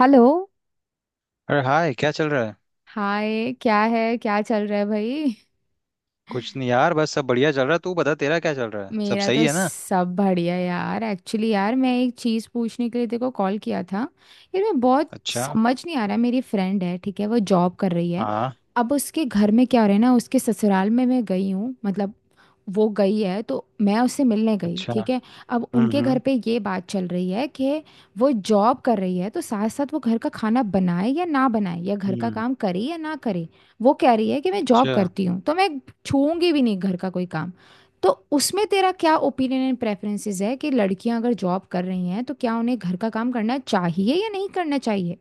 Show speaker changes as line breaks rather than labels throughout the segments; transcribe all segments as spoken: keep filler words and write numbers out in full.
Hello.
अरे hi, क्या चल रहा है।
हाय। क्या है, क्या चल रहा है भाई?
कुछ नहीं यार, बस सब बढ़िया चल रहा है। तू बता, तेरा क्या चल रहा है? सब
मेरा तो
सही है ना?
सब बढ़िया यार। एक्चुअली यार, मैं एक चीज़ पूछने के लिए तेरे को कॉल किया था। यार, मैं बहुत
अच्छा।
समझ नहीं आ रहा। मेरी फ्रेंड है, ठीक है, वो जॉब कर रही है।
हाँ।
अब उसके घर में क्या हो रहा है ना, उसके ससुराल में मैं गई हूँ, मतलब वो गई है तो मैं उससे मिलने गई,
अच्छा।
ठीक है। अब
हम्म।
उनके घर
हम्म।
पे ये बात चल रही है कि वो जॉब कर रही है तो साथ साथ वो घर का खाना बनाए या ना बनाए, या घर का
हम्म।
काम करे या ना करे। वो कह रही है कि मैं जॉब
अच्छा।
करती हूँ तो मैं छूऊंगी भी नहीं घर का कोई काम। तो उसमें तेरा क्या ओपिनियन एंड प्रेफरेंसेस है कि लड़कियां अगर जॉब कर रही हैं तो क्या उन्हें घर का काम करना चाहिए या नहीं करना चाहिए?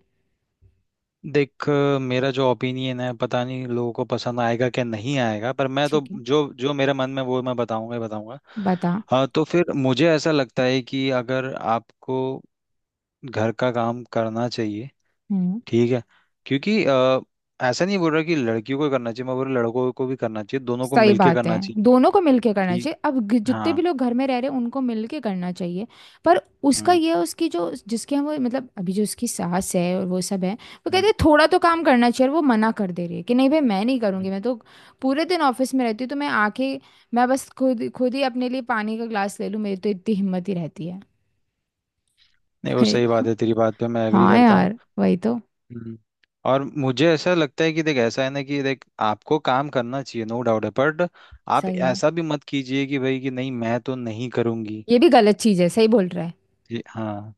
देख अ, मेरा जो ओपिनियन है, पता नहीं लोगों को पसंद आएगा क्या नहीं आएगा, पर मैं तो
ठीक है।
जो जो मेरे मन में वो मैं बताऊंगा ही बताऊंगा।
बता।
हाँ तो फिर मुझे ऐसा लगता है कि अगर आपको घर का काम करना चाहिए।
हम्म।
ठीक है। क्योंकि अ, ऐसा नहीं बोल रहा कि लड़कियों को करना चाहिए, मैं बोल रहा लड़कों को भी करना चाहिए, दोनों को
सही
मिलके
बात है।
करना चाहिए।
दोनों को मिलके करना
ठीक।
चाहिए। अब ग- जितने
हाँ।
भी लोग घर में रह रहे हैं उनको मिलके करना चाहिए। पर उसका
हम्म।
ये है, उसकी जो जिसके हम वो मतलब, अभी जो उसकी सास है और वो सब है, वो कहते
हम्म।
हैं थोड़ा तो काम करना चाहिए। और वो मना कर दे रही है कि नहीं भाई मैं नहीं करूँगी,
हम्म।
मैं तो पूरे दिन ऑफिस में रहती हूँ, तो मैं आके मैं बस खुद खुद ही अपने लिए पानी का ग्लास ले लूँ, मेरी तो इतनी हिम्मत ही रहती है।
नहीं, वो
हे-
सही बात है, तेरी बात पे मैं एग्री
हाँ
करता हूँ।
यार, वही तो।
हम्म। और मुझे ऐसा लगता है कि देख, ऐसा है ना कि देख आपको काम करना चाहिए, नो डाउट है, बट आप
सही है।
ऐसा भी मत कीजिए कि भाई कि नहीं मैं तो नहीं करूँगी।
ये भी गलत चीज है, सही बोल रहा है।
ये- हाँ।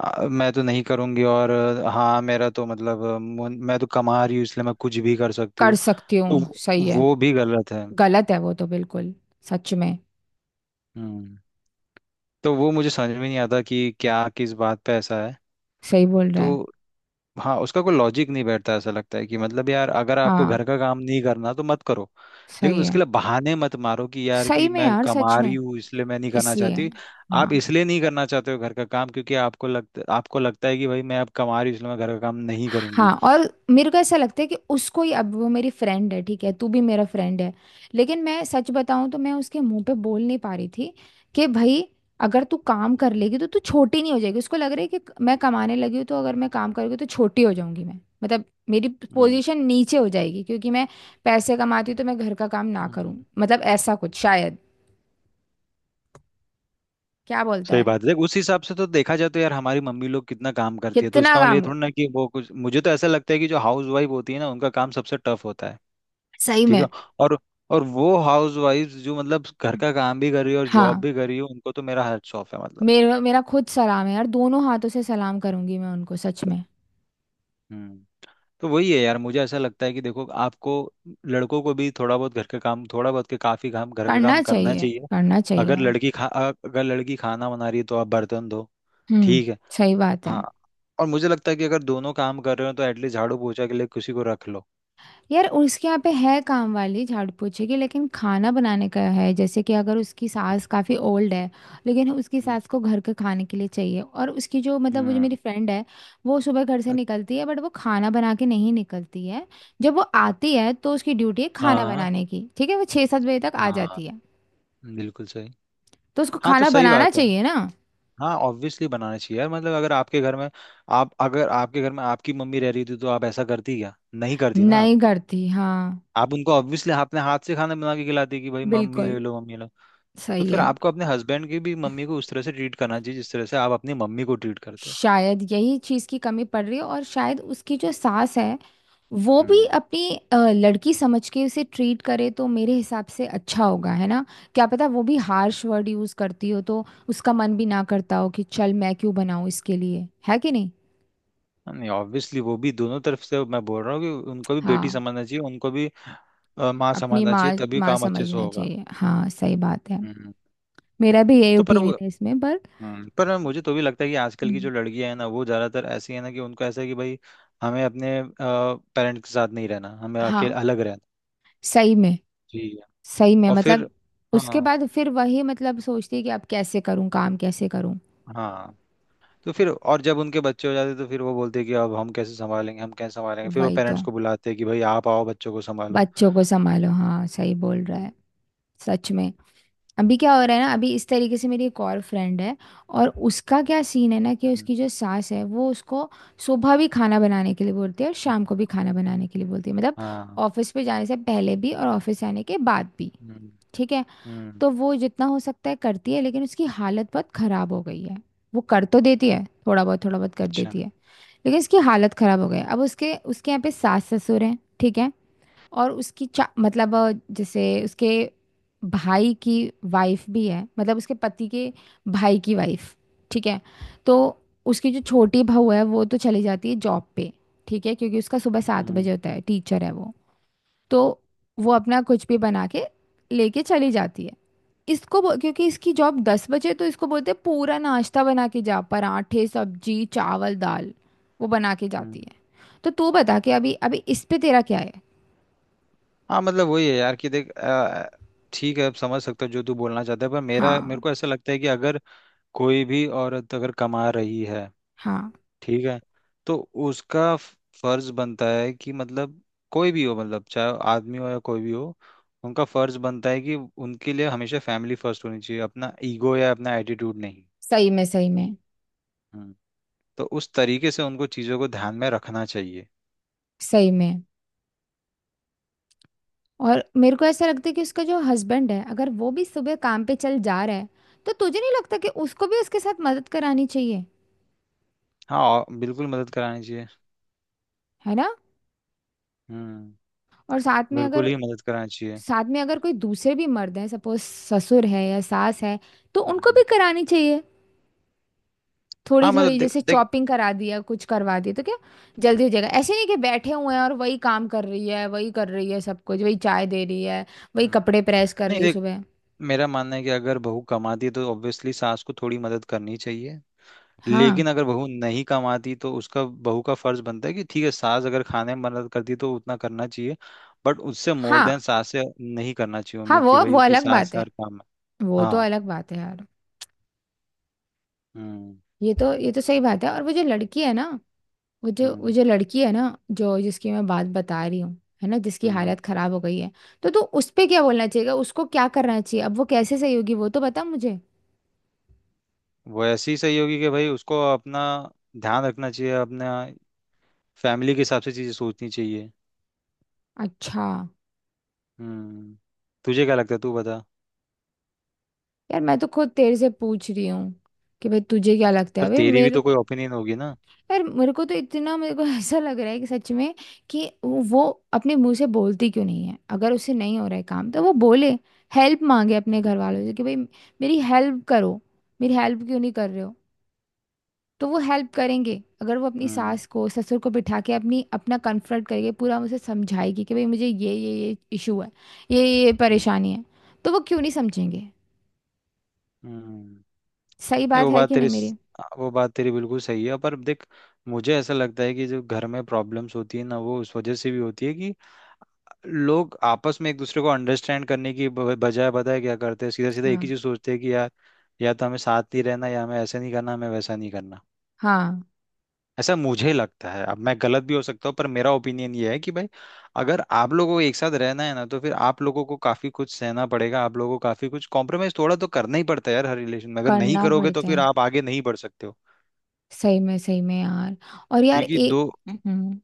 आ, मैं तो नहीं करूँगी और अ, हाँ मेरा तो मतलब अ, मुन- मैं तो कमा रही हूँ इसलिए मैं कुछ भी कर सकती
कर
हूँ।
सकती
तो
हूँ,
वो
सही है।
वो भी गलत है।
गलत है वो तो, बिल्कुल। सच में।
हम्म। तो वो मुझे समझ में नहीं आता कि क्या किस बात पे ऐसा है।
सही बोल रहा है।
तो हाँ, उसका कोई लॉजिक नहीं बैठता, ऐसा लगता है कि मतलब यार, अगर आपको
हाँ,
घर का काम नहीं करना तो मत करो। लेकिन
सही
उसके
है।
लिए बहाने मत मारो कि यार
सही
कि
में
मैं
यार, सच
कमा रही
में।
हूँ इसलिए मैं नहीं करना
इसलिए।
चाहती।
हाँ,
आप इसलिए नहीं करना चाहते हो घर का काम क्योंकि आपको लगता आपको लगता है कि भाई मैं अब कमा रही हूँ इसलिए मैं घर का काम नहीं
हाँ।
करूंगी।
और मेरे को ऐसा लगता है कि उसको ही, अब वो मेरी फ्रेंड है ठीक है, तू भी मेरा फ्रेंड है। लेकिन मैं सच बताऊं तो मैं उसके मुंह पे बोल नहीं पा रही थी कि भाई, अगर तू काम कर
हम्म।
लेगी तो तू छोटी नहीं हो जाएगी। उसको लग रहा है कि मैं कमाने लगी हूँ तो अगर मैं काम करूँगी तो छोटी हो जाऊंगी मैं, मतलब मेरी
हम्म।
पोजीशन नीचे हो जाएगी क्योंकि मैं पैसे कमाती हूँ तो मैं घर का काम ना
हम्म।
करूँ, मतलब ऐसा कुछ शायद। क्या बोलता
सही
है?
बात है, देख उस हिसाब से तो देखा जाए तो यार हमारी मम्मी लोग कितना काम करती है, तो
कितना
इसका मतलब ये
काम।
थोड़ा ना कि वो कुछ, मुझे तो ऐसा लगता है कि जो हाउस वाइफ होती है ना उनका काम सबसे टफ होता है।
सही
ठीक
में।
है। और और वो हाउस वाइफ जो मतलब घर का काम भी कर रही है और जॉब
हाँ,
भी कर रही है, उनको तो मेरा हैट्स ऑफ है, मतलब।
मेरा मेरा खुद सलाम है यार, दोनों हाथों से सलाम करूंगी मैं उनको, सच में।
हम्म। तो वही है यार, मुझे ऐसा लगता है कि देखो आपको, लड़कों को भी थोड़ा बहुत घर का काम, थोड़ा बहुत के काफी काम घर का
करना
काम करना
चाहिए,
चाहिए।
करना चाहिए
अगर
यार।
लड़की खा अगर लड़की खाना बना रही है तो आप बर्तन धो।
हम्म।
ठीक है।
सही बात है।
हाँ। और मुझे लगता है कि अगर दोनों काम कर रहे हो तो एटलीस्ट झाड़ू पोछा के लिए किसी को रख लो।
यार, उसके यहाँ पे है काम वाली, झाड़ू पोछे की। लेकिन खाना बनाने का है, जैसे कि अगर उसकी सास काफ़ी ओल्ड है। लेकिन उसकी
हम्म।
सास को घर के खाने के लिए चाहिए। और उसकी जो, मतलब वो जो मेरी
हम्म,
फ्रेंड है, वो सुबह घर से निकलती है बट वो खाना बना के नहीं निकलती है। जब वो आती है तो उसकी ड्यूटी है खाना
हाँ।
बनाने की, ठीक है। वो छः सात बजे तक आ
हाँ,
जाती है।
बिल्कुल सही।
तो उसको
हाँ तो
खाना
सही
बनाना
बात है।
चाहिए ना?
हाँ, ऑब्वियसली बनाना चाहिए यार, मतलब अगर आपके घर में आप अगर आपके घर में आपकी मम्मी रह रही थी तो आप ऐसा करती क्या? नहीं करती ना आप।
नहीं करती, हाँ।
आप उनको ऑब्वियसली अपने हाथ से खाना बना के खिलाती कि भाई मम्मी ले
बिल्कुल।
लो, मम्मी ले लो। तो
सही
फिर
है।
आपको अपने हस्बैंड की भी मम्मी को उस तरह से ट्रीट करना चाहिए जिस तरह से आप अपनी मम्मी को ट्रीट करते हैं।
शायद यही चीज की कमी पड़ रही है। और शायद उसकी जो सास है, वो भी
हम्म।
अपनी अ, लड़की समझ के उसे ट्रीट करे तो मेरे हिसाब से अच्छा होगा, है ना? क्या पता वो भी हार्श वर्ड यूज करती हो, तो उसका मन भी ना करता हो कि चल मैं क्यों बनाऊं इसके लिए, है कि नहीं?
हाँ, नहीं ऑब्वियसली, वो भी दोनों तरफ से मैं बोल रहा हूँ कि उनको भी बेटी
हाँ।
समझना चाहिए, उनको भी अ, माँ
अपनी
समझना
माँ,
चाहिए तभी
माँ
काम अच्छे से
समझना
होगा।
चाहिए, हाँ। सही बात है।
हम्म।
मेरा भी यही
तो पर वो,
ओपिनियन है इसमें पर,
हम्म, पर मुझे तो भी लगता है कि आजकल की
हम्म,
जो लड़कियां हैं ना, वो ज़्यादातर ऐसी है ना कि उनको ऐसा है कि भाई हमें अपने पेरेंट्स के साथ नहीं रहना, हमें अकेले
हाँ,
अलग रहना।
सही में।
जी।
सही में
और फिर,
मतलब, उसके
हाँ।
बाद फिर वही मतलब सोचती है कि अब कैसे करूँ काम, कैसे करूँ।
हाँ तो फिर और जब उनके बच्चे हो जाते तो फिर वो बोलते कि अब हम कैसे संभालेंगे, हम कैसे संभालेंगे, फिर वो
वही तो।
पेरेंट्स को बुलाते कि भाई आप आओ बच्चों को संभालो।
बच्चों को संभालो, हाँ, सही बोल रहा
हम्म।
है। सच में। अभी क्या हो रहा है ना, अभी इस तरीके से मेरी एक और फ्रेंड है। और उसका क्या सीन है ना कि
हम्म,
उसकी जो सास है, वो उसको सुबह भी खाना बनाने के लिए बोलती है और शाम
हम्म,
को भी खाना बनाने के लिए बोलती है, मतलब
हाँ।
ऑफिस पे जाने से पहले भी और ऑफिस से आने के बाद भी,
हम्म।
ठीक है।
हम्म।
तो वो जितना हो सकता है करती है, लेकिन उसकी हालत बहुत खराब हो गई है। वो कर तो देती है, थोड़ा बहुत थोड़ा बहुत कर
अच्छा।
देती है। लेकिन उसकी हालत खराब हो गई है। अब उसके उसके यहाँ पे सास ससुर हैं, ठीक है। और उसकी चा मतलब अ, जैसे उसके भाई की वाइफ भी है, मतलब उसके पति के भाई की वाइफ, ठीक है। तो उसकी जो छोटी बहू है वो तो चली जाती है जॉब पे, ठीक है, क्योंकि उसका सुबह सात बजे
हम्म।
होता है, टीचर है वो। तो वो अपना कुछ भी बना के लेके चली जाती है। इसको बो- क्योंकि इसकी जॉब दस बजे है, तो इसको बोलते हैं पूरा नाश्ता बना के जा, पराठे, सब्जी, चावल, दाल। वो बना के जाती
हम्म।
है। तो तू बता के, अभी अभी इस पे तेरा क्या है?
हाँ मतलब वही है यार, कि देख अ, ठीक है, अब समझ सकता हूँ जो तू बोलना चाहता है, पर मेरा मेरे
हाँ,
को ऐसा लगता है कि अगर कोई भी औरत अगर कमा रही है,
हाँ।
ठीक है, तो उसका फ- फर्ज बनता है कि मतलब, कोई भी हो, मतलब चाहे आदमी हो या कोई भी हो, उनका फर्ज बनता है कि उनके लिए हमेशा फैमिली फर्स्ट होनी चाहिए, अपना ईगो या अपना एटीट्यूड नहीं।
सही में, सही में,
हम्म। तो उस तरीके से उनको चीज़ों को ध्यान में रखना चाहिए।
सही में। और मेरे को ऐसा लगता है कि उसका जो हस्बैंड है, अगर वो भी सुबह काम पे चल जा रहा है, तो तुझे नहीं लगता कि उसको भी उसके साथ मदद करानी चाहिए?
हाँ, और बिल्कुल मदद करानी चाहिए।
है ना।
हम्म।
और साथ में
बिल्कुल
अगर,
ही मदद करानी चाहिए।
साथ में अगर कोई दूसरे भी मर्द हैं, सपोज ससुर है या सास है, तो उनको
हम्म।
भी करानी चाहिए, थोड़ी
हाँ मतलब,
थोड़ी।
देख
जैसे
देख।
चॉपिंग करा दिया, कुछ करवा दिया तो क्या जल्दी हो जाएगा? ऐसे नहीं कि बैठे हुए हैं और वही काम कर रही है, वही कर रही है सब कुछ, वही चाय दे रही है, वही
हम्म,
कपड़े प्रेस कर
नहीं
रही है
देख,
सुबह।
मेरा मानना है कि अगर बहू कमाती है तो ऑब्वियसली सास को थोड़ी मदद करनी चाहिए।
हाँ,
लेकिन अगर बहू नहीं कमाती तो उसका, बहू का फर्ज बनता है कि ठीक है सास अगर खाने में मदद करती तो उतना करना चाहिए, बट उससे मोर देन
हाँ,
सास से नहीं करना चाहिए
हाँ।
उम्मीद
वो
कि
वो
भाई कि
अलग
सास
बात है,
हर काम में।
वो तो
हाँ।
अलग बात है यार।
हम्म।
ये तो ये तो सही बात है। और वो जो लड़की है ना, वो जो वो
हम्म।
जो लड़की है ना, जो जिसकी मैं बात बता रही हूँ, है ना, जिसकी
हम्म।
हालत खराब हो गई है। तो तू उस पे क्या बोलना चाहिएगा, उसको क्या करना चाहिए, अब वो कैसे सही होगी, वो तो बता मुझे।
वो ऐसी ही सही होगी कि भाई उसको अपना ध्यान रखना चाहिए, अपना फैमिली के हिसाब से चीजें सोचनी चाहिए।
अच्छा।
हम्म। तुझे क्या लगता है, तू बता।
यार, मैं तो खुद तेरे से पूछ रही हूँ कि भाई तुझे क्या लगता
पर
है, भाई
तेरी भी
मेरे।
तो कोई ओपिनियन होगी ना।
पर मेरे को तो इतना, मेरे को ऐसा लग रहा है कि सच में, कि वो अपने मुंह से बोलती क्यों नहीं है? अगर उससे नहीं हो रहा है काम तो वो बोले, हेल्प मांगे अपने
हम्म।
घर वालों से कि भाई मेरी हेल्प करो, मेरी हेल्प क्यों नहीं कर रहे हो? तो वो हेल्प करेंगे। अगर वो अपनी
हम्म।
सास को, ससुर को बिठा के, अपनी अपना कन्फ्रंट करेंगे पूरा, उसे समझाएगी कि भाई मुझे ये ये ये इशू है, ये ये
हम्म।
परेशानी है, तो वो क्यों नहीं समझेंगे?
हम्म।
सही
ये
बात
वो
है
बात
कि नहीं
तेरी स-
मेरी?
हाँ, वो बात तेरी बिल्कुल सही है, पर देख मुझे ऐसा लगता है कि जो घर में प्रॉब्लम्स होती है ना, वो उस वजह से भी होती है कि लोग आपस में एक दूसरे को अंडरस्टैंड करने की ब- बजाय पता है क्या करते हैं, सीधा सीधा एक ही
हाँ,
चीज सोचते हैं कि यार या तो हमें साथ ही रहना या हमें ऐसे नहीं करना, हमें वैसा नहीं करना।
हाँ।
ऐसा मुझे लगता है, अब मैं गलत भी हो सकता हूँ, पर मेरा ओपिनियन ये है कि भाई अगर आप लोगों को एक साथ रहना है ना तो फिर आप लोगों को काफी कुछ सहना पड़ेगा, आप लोगों को काफी कुछ कॉम्प्रोमाइज थोड़ा तो करना ही पड़ता है यार हर रिलेशन में, अगर नहीं
करना
करोगे तो
पड़ता
फिर
है।
आप आगे नहीं बढ़ सकते हो।
सही में, सही में यार। और यार
क्योंकि दो
एक, हम्म,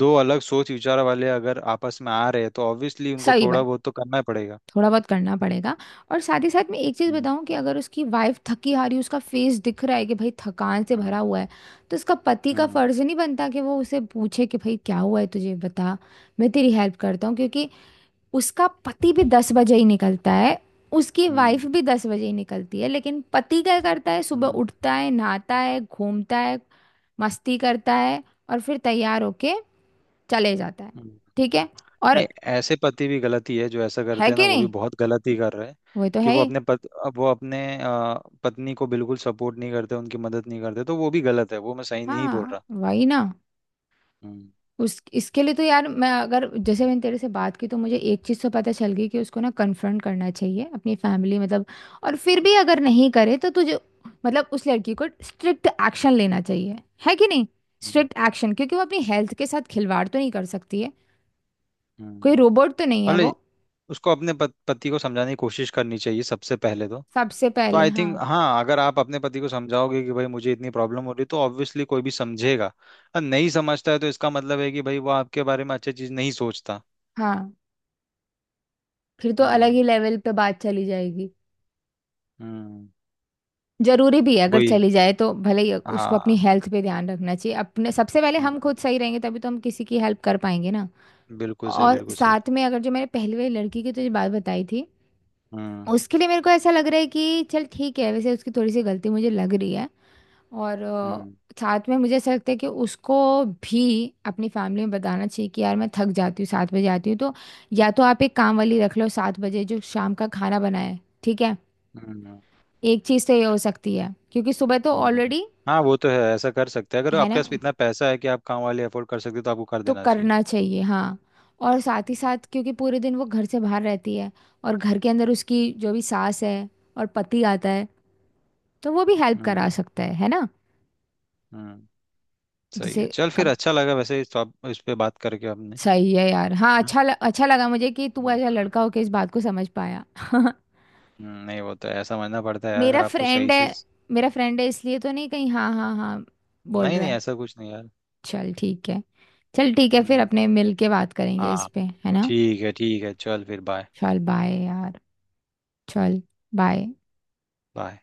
दो अलग सोच विचार वाले अगर आपस में आ रहे हैं तो ऑब्वियसली उनको
सही
थोड़ा
बात।
बहुत तो करना ही पड़ेगा।
थोड़ा बहुत करना पड़ेगा। और साथ ही साथ मैं एक चीज़
हम्म।
बताऊं कि अगर उसकी वाइफ थकी हारी, उसका फेस दिख रहा है कि भाई थकान से
हम्म।
भरा हुआ है, तो उसका पति का
हम्म।
फर्ज नहीं बनता कि वो उसे पूछे कि भाई क्या हुआ है तुझे, बता मैं तेरी हेल्प करता हूँ? क्योंकि उसका पति भी दस बजे ही निकलता है, उसकी वाइफ
हम्म।
भी दस बजे ही निकलती है, लेकिन पति क्या करता है, सुबह
हम्म,
उठता है, नहाता है, घूमता है, मस्ती करता है, और फिर तैयार होके चले जाता है,
हम्म।
ठीक है। और
नहीं, ऐसे पति भी गलती है जो ऐसा
है
करते हैं ना,
कि
वो भी
नहीं?
बहुत गलती कर रहे हैं
वो तो
कि
है
वो
ही।
अपने पत, वो अपने अ, पत्नी को बिल्कुल सपोर्ट नहीं करते, उनकी मदद नहीं करते, तो वो भी गलत है, वो मैं सही नहीं बोल
हाँ,
रहा।
वही ना।
हम्म।
उस इसके लिए तो यार, मैं, अगर जैसे मैंने तेरे से बात की तो मुझे एक चीज़ तो पता चल गई कि उसको ना कन्फ्रंट करना चाहिए अपनी फैमिली, मतलब। और फिर भी अगर नहीं करे तो तुझे मतलब, उस लड़की को स्ट्रिक्ट एक्शन लेना चाहिए, है कि नहीं? Strict
hmm.
एक्शन, क्योंकि वो अपनी हेल्थ के साथ खिलवाड़ तो नहीं कर सकती है। कोई
हम्म।
रोबोट तो नहीं है वो।
मतलब उसको अपने पत, पति को समझाने की कोशिश करनी चाहिए सबसे पहले तो।
सबसे
तो
पहले,
आई
हाँ,
थिंक, हाँ, अगर आप अपने पति को समझाओगे कि भाई मुझे इतनी प्रॉब्लम हो रही है तो ऑब्वियसली कोई भी समझेगा, और नहीं समझता है तो इसका मतलब है कि भाई वो आपके बारे में अच्छी चीज नहीं सोचता।
हाँ। फिर तो अलग
हम्म।
ही लेवल पे बात चली जाएगी।
हम्म।
जरूरी भी है, अगर
वही।
चली जाए तो, भले ही। उसको अपनी
हाँ।
हेल्थ पे ध्यान रखना चाहिए अपने, सबसे पहले। हम खुद
हम्म।
सही रहेंगे तभी तो हम किसी की हेल्प कर पाएंगे ना।
बिल्कुल सही,
और
बिल्कुल सही।
साथ में, अगर जो मैंने पहली वाली लड़की की तुझे बात बताई थी,
हम्म।
उसके लिए मेरे को ऐसा लग रहा है कि चल ठीक है, वैसे उसकी थोड़ी सी गलती मुझे लग रही है। और अ,
हम्म।
साथ में मुझे ऐसा लगता है कि उसको भी अपनी फैमिली में बताना चाहिए कि यार, मैं थक जाती हूँ, सात बजे आती हूँ तो, या तो आप एक काम वाली रख लो सात बजे जो शाम का खाना बनाए, ठीक है।
हम्म।
एक चीज़ तो ये हो सकती है, क्योंकि सुबह तो
हम्म।
ऑलरेडी
हाँ वो तो है, ऐसा कर सकते हैं, अगर
है ना।
आपके पास इतना पैसा है कि आप काम वाले अफोर्ड कर सकते हो तो आपको कर
तो
देना चाहिए।
करना चाहिए, हाँ। और साथ ही
हम्म।
साथ, क्योंकि पूरे दिन वो घर से बाहर रहती है, और घर के अंदर उसकी जो भी सास है, और पति आता है, तो वो भी हेल्प करा
हम्म।
सकता है है ना।
हम्म, सही है,
जैसे
चल फिर
कब,
अच्छा लगा वैसे इस टॉप इस पे बात करके आपने।
सही है यार, हाँ। अच्छा ल, अच्छा लगा मुझे कि तू ऐसा
हम्म।
लड़का होके इस बात को समझ पाया।
हम्म, नहीं वो तो है, समझना पड़ता है यार
मेरा
अगर आपको
फ्रेंड
सही से।
है, मेरा फ्रेंड है इसलिए तो नहीं कहीं, हाँ हाँ हाँ बोल
नहीं
रहा
नहीं,
है।
ऐसा कुछ नहीं यार।
चल ठीक है, चल ठीक है, फिर
हम्म।
अपने मिल के बात करेंगे इस
हाँ।
पे, है ना।
ठीक है, ठीक है, चल फिर बाय।
चल बाय यार। चल बाय।
बाय।